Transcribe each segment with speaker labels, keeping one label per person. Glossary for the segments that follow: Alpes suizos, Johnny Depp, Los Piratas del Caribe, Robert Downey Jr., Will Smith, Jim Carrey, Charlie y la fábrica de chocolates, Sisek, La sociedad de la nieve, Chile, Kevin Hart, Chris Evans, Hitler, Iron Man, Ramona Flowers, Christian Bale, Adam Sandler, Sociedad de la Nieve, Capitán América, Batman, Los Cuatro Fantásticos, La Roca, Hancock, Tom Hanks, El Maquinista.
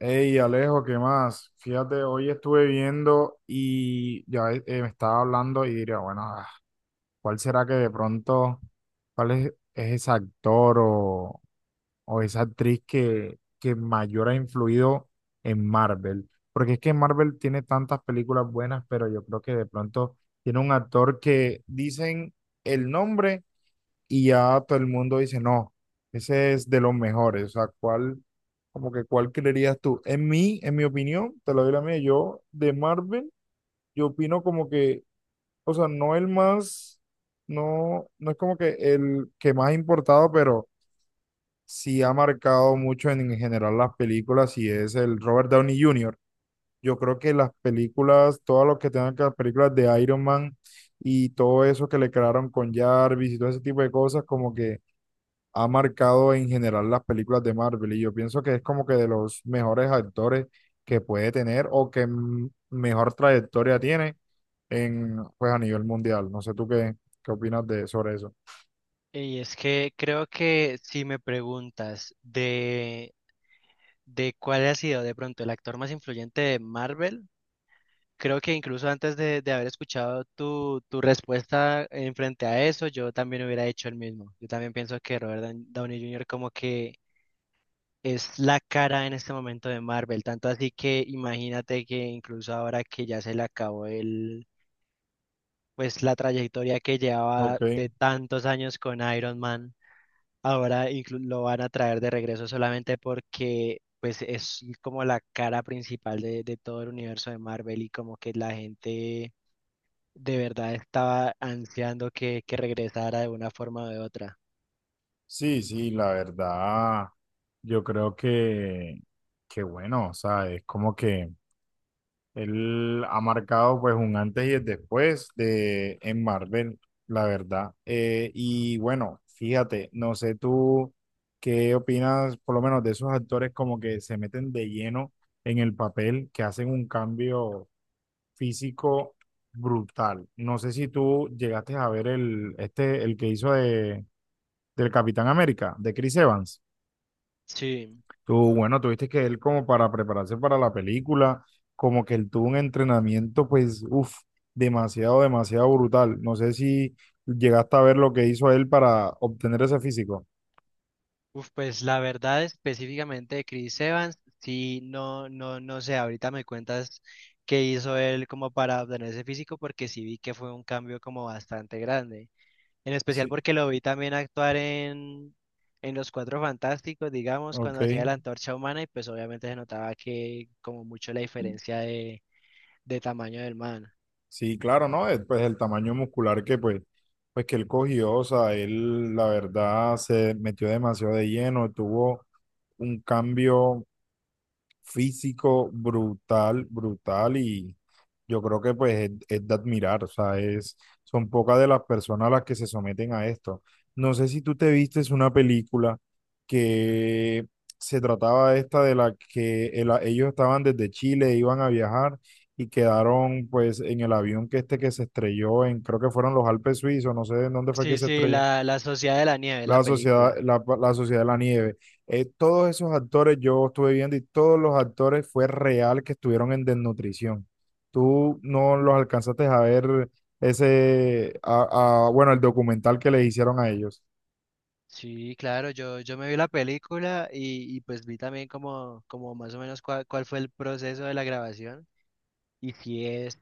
Speaker 1: Hey Alejo, ¿qué más? Fíjate, hoy estuve viendo y ya me estaba hablando y diría, bueno, ¿cuál será que de pronto, cuál es ese actor o esa actriz que mayor ha influido en Marvel? Porque es que Marvel tiene tantas películas buenas, pero yo creo que de pronto tiene un actor que dicen el nombre y ya todo el mundo dice, no, ese es de los mejores. O sea, ¿cuál, como que cuál creerías tú? En mi opinión, te lo doy la mía, yo de Marvel, yo opino como que, o sea, no el más, no, no es como que el que más ha importado, pero sí ha marcado mucho en general las películas y es el Robert Downey Jr. Yo creo que las películas, todas los que tengan que las películas de Iron Man y todo eso que le crearon con Jarvis y todo ese tipo de cosas, como que ha marcado en general las películas de Marvel y yo pienso que es como que de los mejores actores que puede tener o que mejor trayectoria tiene en, pues a nivel mundial. No sé tú qué opinas de, sobre eso.
Speaker 2: Y es que creo que si me preguntas de cuál ha sido de pronto el actor más influyente de Marvel, creo que incluso antes de haber escuchado tu respuesta en frente a eso, yo también hubiera hecho el mismo. Yo también pienso que Downey Jr. como que es la cara en este momento de Marvel, tanto así que imagínate que incluso ahora que ya se le acabó el, pues la trayectoria que llevaba
Speaker 1: Ok,
Speaker 2: de tantos años con Iron Man. Lo van a traer de regreso solamente porque pues es como la cara principal de todo el universo de Marvel y como que la gente de verdad estaba ansiando que regresara de una forma o de otra.
Speaker 1: sí, sí, la verdad, yo creo que bueno, o sea, es como que él ha marcado pues un antes y el después de en Marvel, la verdad. Y bueno, fíjate, no sé tú qué opinas, por lo menos de esos actores como que se meten de lleno en el papel, que hacen un cambio físico brutal. No sé si tú llegaste a ver el, este, el que hizo de, del Capitán América, de Chris Evans.
Speaker 2: Sí,
Speaker 1: Tú, bueno, tuviste que él como para prepararse para la película, como que él tuvo un entrenamiento, pues, demasiado, demasiado brutal. No sé si llegaste a ver lo que hizo él para obtener ese físico.
Speaker 2: uf, pues la verdad específicamente de Chris Evans, sí, no sé, ahorita me cuentas qué hizo él como para obtener ese físico porque sí vi que fue un cambio como bastante grande. En especial
Speaker 1: Sí,
Speaker 2: porque lo vi también en Los Cuatro Fantásticos, digamos, cuando
Speaker 1: ok.
Speaker 2: hacía la antorcha humana y pues obviamente se notaba que como mucho la diferencia de tamaño del man.
Speaker 1: Sí, claro, ¿no? Pues el tamaño muscular que, pues, pues que él cogió, o sea, él, la verdad, se metió demasiado de lleno, tuvo un cambio físico brutal, brutal y yo creo que pues es de admirar, o sea, es, son pocas de las personas las que se someten a esto. No sé si tú te vistes una película que se trataba esta de la que el- ellos estaban desde Chile, iban a viajar y quedaron pues en el avión que este que se estrelló en, creo que fueron los Alpes suizos, no sé en dónde fue que
Speaker 2: Sí,
Speaker 1: se
Speaker 2: sí,
Speaker 1: estrelló
Speaker 2: la Sociedad de la Nieve, la
Speaker 1: la sociedad,
Speaker 2: película.
Speaker 1: la sociedad de la nieve. Todos esos actores yo estuve viendo y todos los actores fue real que estuvieron en desnutrición. Tú no los alcanzaste a ver ese, a- bueno, el documental que les hicieron a ellos.
Speaker 2: Sí, claro, yo me vi la película y pues vi también como más o menos cuál fue el proceso de la grabación. Y sí es,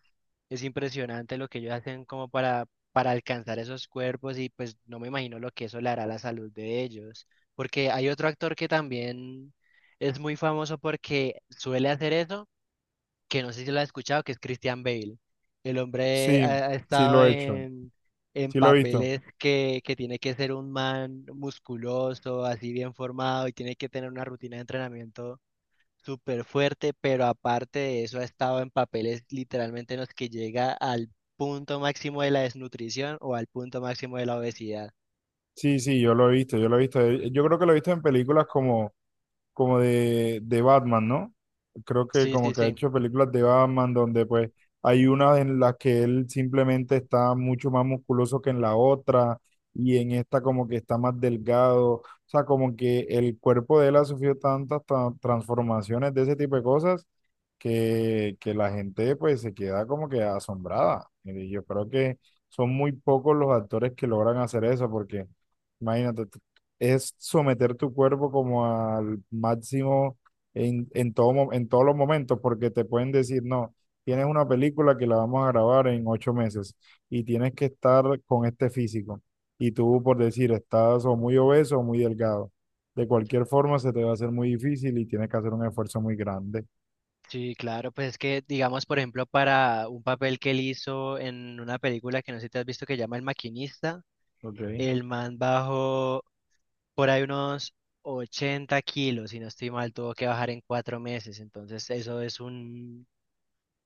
Speaker 2: es impresionante lo que ellos hacen como para alcanzar esos cuerpos y pues no me imagino lo que eso le hará a la salud de ellos. Porque hay otro actor que también es muy famoso porque suele hacer eso, que no sé si lo has escuchado, que es Christian Bale. El hombre
Speaker 1: Sí,
Speaker 2: ha
Speaker 1: sí
Speaker 2: estado
Speaker 1: lo he hecho,
Speaker 2: en
Speaker 1: sí lo he visto.
Speaker 2: papeles que tiene que ser un man musculoso, así bien formado y tiene que tener una rutina de entrenamiento súper fuerte, pero aparte de eso ha estado en papeles literalmente en los que llega al punto máximo de la desnutrición o al punto máximo de la obesidad.
Speaker 1: Sí, sí, yo lo he visto, yo lo he visto. Yo creo que lo he visto en películas como como de Batman, ¿no? Creo que
Speaker 2: Sí,
Speaker 1: como
Speaker 2: sí,
Speaker 1: que ha
Speaker 2: sí.
Speaker 1: hecho películas de Batman donde pues hay una en la que él simplemente está mucho más musculoso que en la otra y en esta como que está más delgado, o sea, como que el cuerpo de él ha sufrido tantas tra- transformaciones de ese tipo de cosas que la gente pues se queda como que asombrada. Y yo creo que son muy pocos los actores que logran hacer eso porque... Imagínate, es someter tu cuerpo como al máximo en todo, mo- en todos los momentos, porque te pueden decir, no, tienes una película que la vamos a grabar en 8 meses y tienes que estar con este físico. Y tú, por decir, estás o muy obeso o muy delgado. De cualquier forma, se te va a hacer muy difícil y tienes que hacer un esfuerzo muy grande.
Speaker 2: Sí, claro, pues es que, digamos, por ejemplo, para un papel que él hizo en una película que no sé si te has visto que llama El Maquinista,
Speaker 1: Ok,
Speaker 2: el man bajó por ahí unos 80 kilos, si no estoy mal, tuvo que bajar en 4 meses, entonces eso es un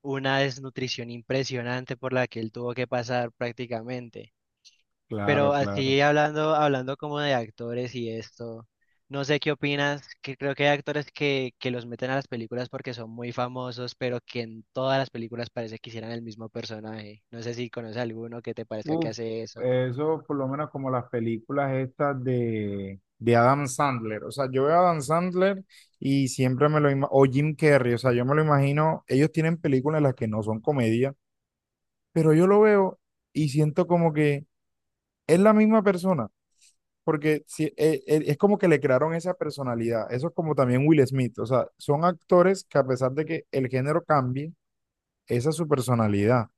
Speaker 2: una desnutrición impresionante por la que él tuvo que pasar prácticamente. Pero
Speaker 1: claro, claro.
Speaker 2: así hablando como de actores y esto, no sé qué opinas, que creo que hay actores que los meten a las películas porque son muy famosos, pero que en todas las películas parece que hicieran el mismo personaje. No sé si conoces alguno que te parezca que
Speaker 1: Uf,
Speaker 2: hace eso.
Speaker 1: eso por lo menos como las películas estas de Adam Sandler. O sea, yo veo a Adam Sandler y siempre me lo imagino, o Jim Carrey, o sea, yo me lo imagino, ellos tienen películas en las que no son comedia, pero yo lo veo y siento como que es la misma persona, porque si- es como que le crearon esa personalidad. Eso es como también Will Smith, o sea, son actores que a pesar de que el género cambie, esa es su personalidad.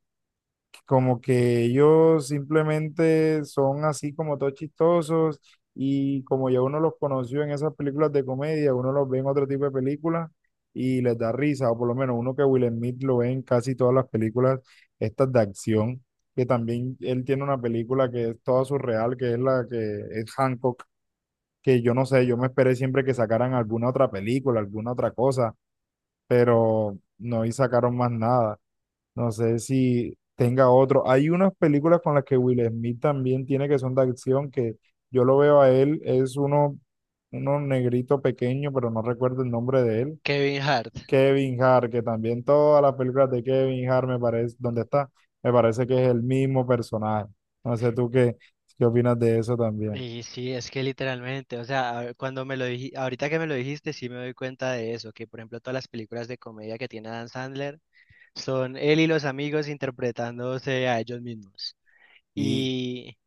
Speaker 1: Como que ellos simplemente son así como todos chistosos y como ya uno los conoció en esas películas de comedia, uno los ve en otro tipo de películas y les da risa, o por lo menos uno que Will Smith lo ve en casi todas las películas estas de acción, que también él tiene una película que es toda surreal, que es la que es Hancock, que yo no sé, yo me esperé siempre que sacaran alguna otra película, alguna otra cosa, pero no y sacaron más nada. No sé si tenga otro. Hay unas películas con las que Will Smith también tiene que son de acción, que yo lo veo a él, es uno, negrito pequeño, pero no recuerdo el nombre de él.
Speaker 2: Kevin Hart.
Speaker 1: Kevin Hart, que también todas las películas de Kevin Hart me parece, ¿dónde está? Me parece que es el mismo personaje. No sé tú qué opinas de eso también.
Speaker 2: Y sí, es que literalmente, o sea, cuando me lo dijiste, ahorita que me lo dijiste, sí me doy cuenta de eso, que por ejemplo todas las películas de comedia que tiene Dan Sandler son él y los amigos interpretándose a ellos mismos.
Speaker 1: Y,
Speaker 2: Y,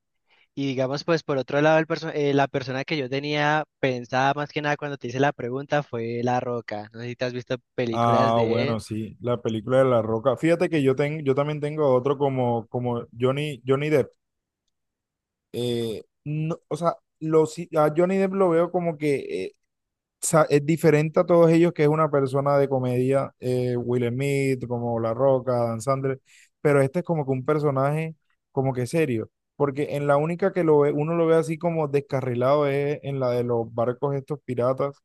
Speaker 2: y digamos, pues por otro lado, la persona que yo tenía pensada más que nada cuando te hice la pregunta fue La Roca. No sé si te has visto películas
Speaker 1: ah,
Speaker 2: de
Speaker 1: bueno,
Speaker 2: él.
Speaker 1: sí, la película de La Roca. Fíjate que yo, tengo yo también tengo otro como, como Johnny, Johnny Depp. No, o sea, los, a Johnny Depp lo veo como que eh, sa- es diferente a todos ellos, que es una persona de comedia, Will Smith, como La Roca, Dan Sandler, pero este es como que un personaje como que serio, porque en la única que lo ve, uno lo ve así como descarrilado es en la de los barcos estos piratas,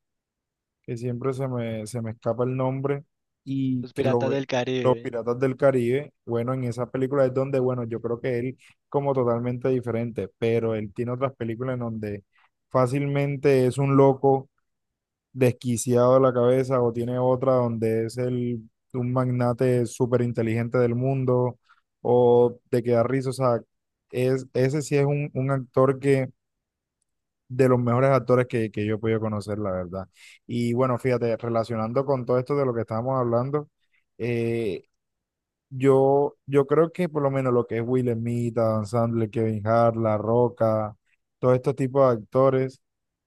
Speaker 1: que siempre se me escapa el nombre, y
Speaker 2: Los
Speaker 1: que lo
Speaker 2: Piratas
Speaker 1: ve,
Speaker 2: del
Speaker 1: Los
Speaker 2: Caribe.
Speaker 1: Piratas del Caribe, bueno, en esa película es donde, bueno, yo creo que él como totalmente diferente, pero él tiene otras películas en donde fácilmente es un loco desquiciado de la cabeza o tiene otra donde es el, un magnate súper inteligente del mundo o de que da risa, o sea, es, ese sí es un actor que de los mejores actores que yo he podido conocer, la verdad. Y bueno, fíjate, relacionando con todo esto de lo que estábamos hablando, eh, yo creo que por lo menos lo que es Will Smith, Adam Sandler, Kevin Hart, La Roca, todos estos tipos de actores,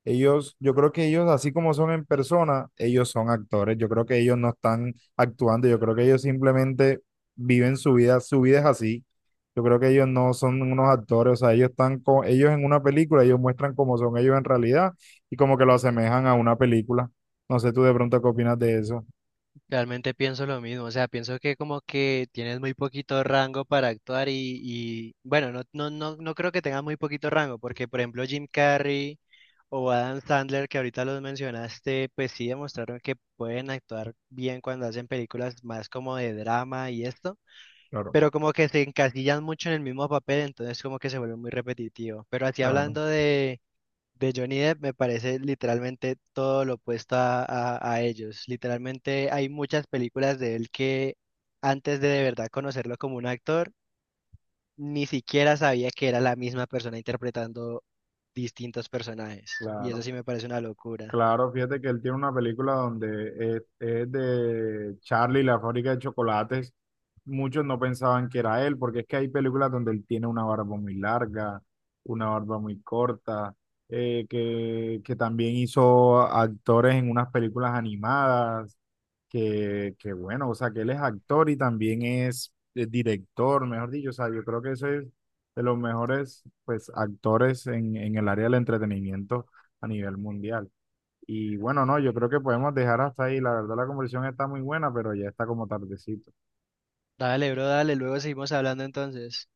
Speaker 1: ellos, yo creo que ellos, así como son en persona, ellos son actores. Yo creo que ellos no están actuando, yo creo que ellos simplemente viven su vida es así. Yo creo que ellos no son unos actores, o sea, ellos están con, ellos en una película, ellos muestran cómo son ellos en realidad y como que lo asemejan a una película. No sé tú de pronto qué opinas de eso.
Speaker 2: Realmente pienso lo mismo, o sea, pienso que como que tienes muy poquito rango para actuar y bueno, no creo que tengas muy poquito rango, porque por ejemplo Jim Carrey... O Adam Sandler, que ahorita los mencionaste, pues sí demostraron que pueden actuar bien cuando hacen películas más como de drama y esto,
Speaker 1: Claro,
Speaker 2: pero como que se encasillan mucho en el mismo papel, entonces como que se vuelve muy repetitivo. Pero así
Speaker 1: claro.
Speaker 2: de Johnny Depp, me parece literalmente todo lo opuesto a ellos. Literalmente hay muchas películas de él que antes de verdad conocerlo como un actor, ni siquiera sabía que era la misma persona interpretando distintos personajes. Y eso
Speaker 1: Claro.
Speaker 2: sí me parece una locura.
Speaker 1: Claro, fíjate que él tiene una película donde es de Charlie, y la fábrica de chocolates. Muchos no pensaban que era él, porque es que hay películas donde él tiene una barba muy larga, una barba muy corta, que también hizo actores en unas películas animadas, que bueno, o sea, que él es actor y también es, director, mejor dicho, o sea, yo creo que ese es de los mejores pues, actores en el área del entretenimiento a nivel mundial. Y bueno, no, yo creo que podemos dejar hasta ahí. La verdad, la conversación está muy buena, pero ya está como tardecito.
Speaker 2: Dale, bro, dale, luego seguimos hablando entonces.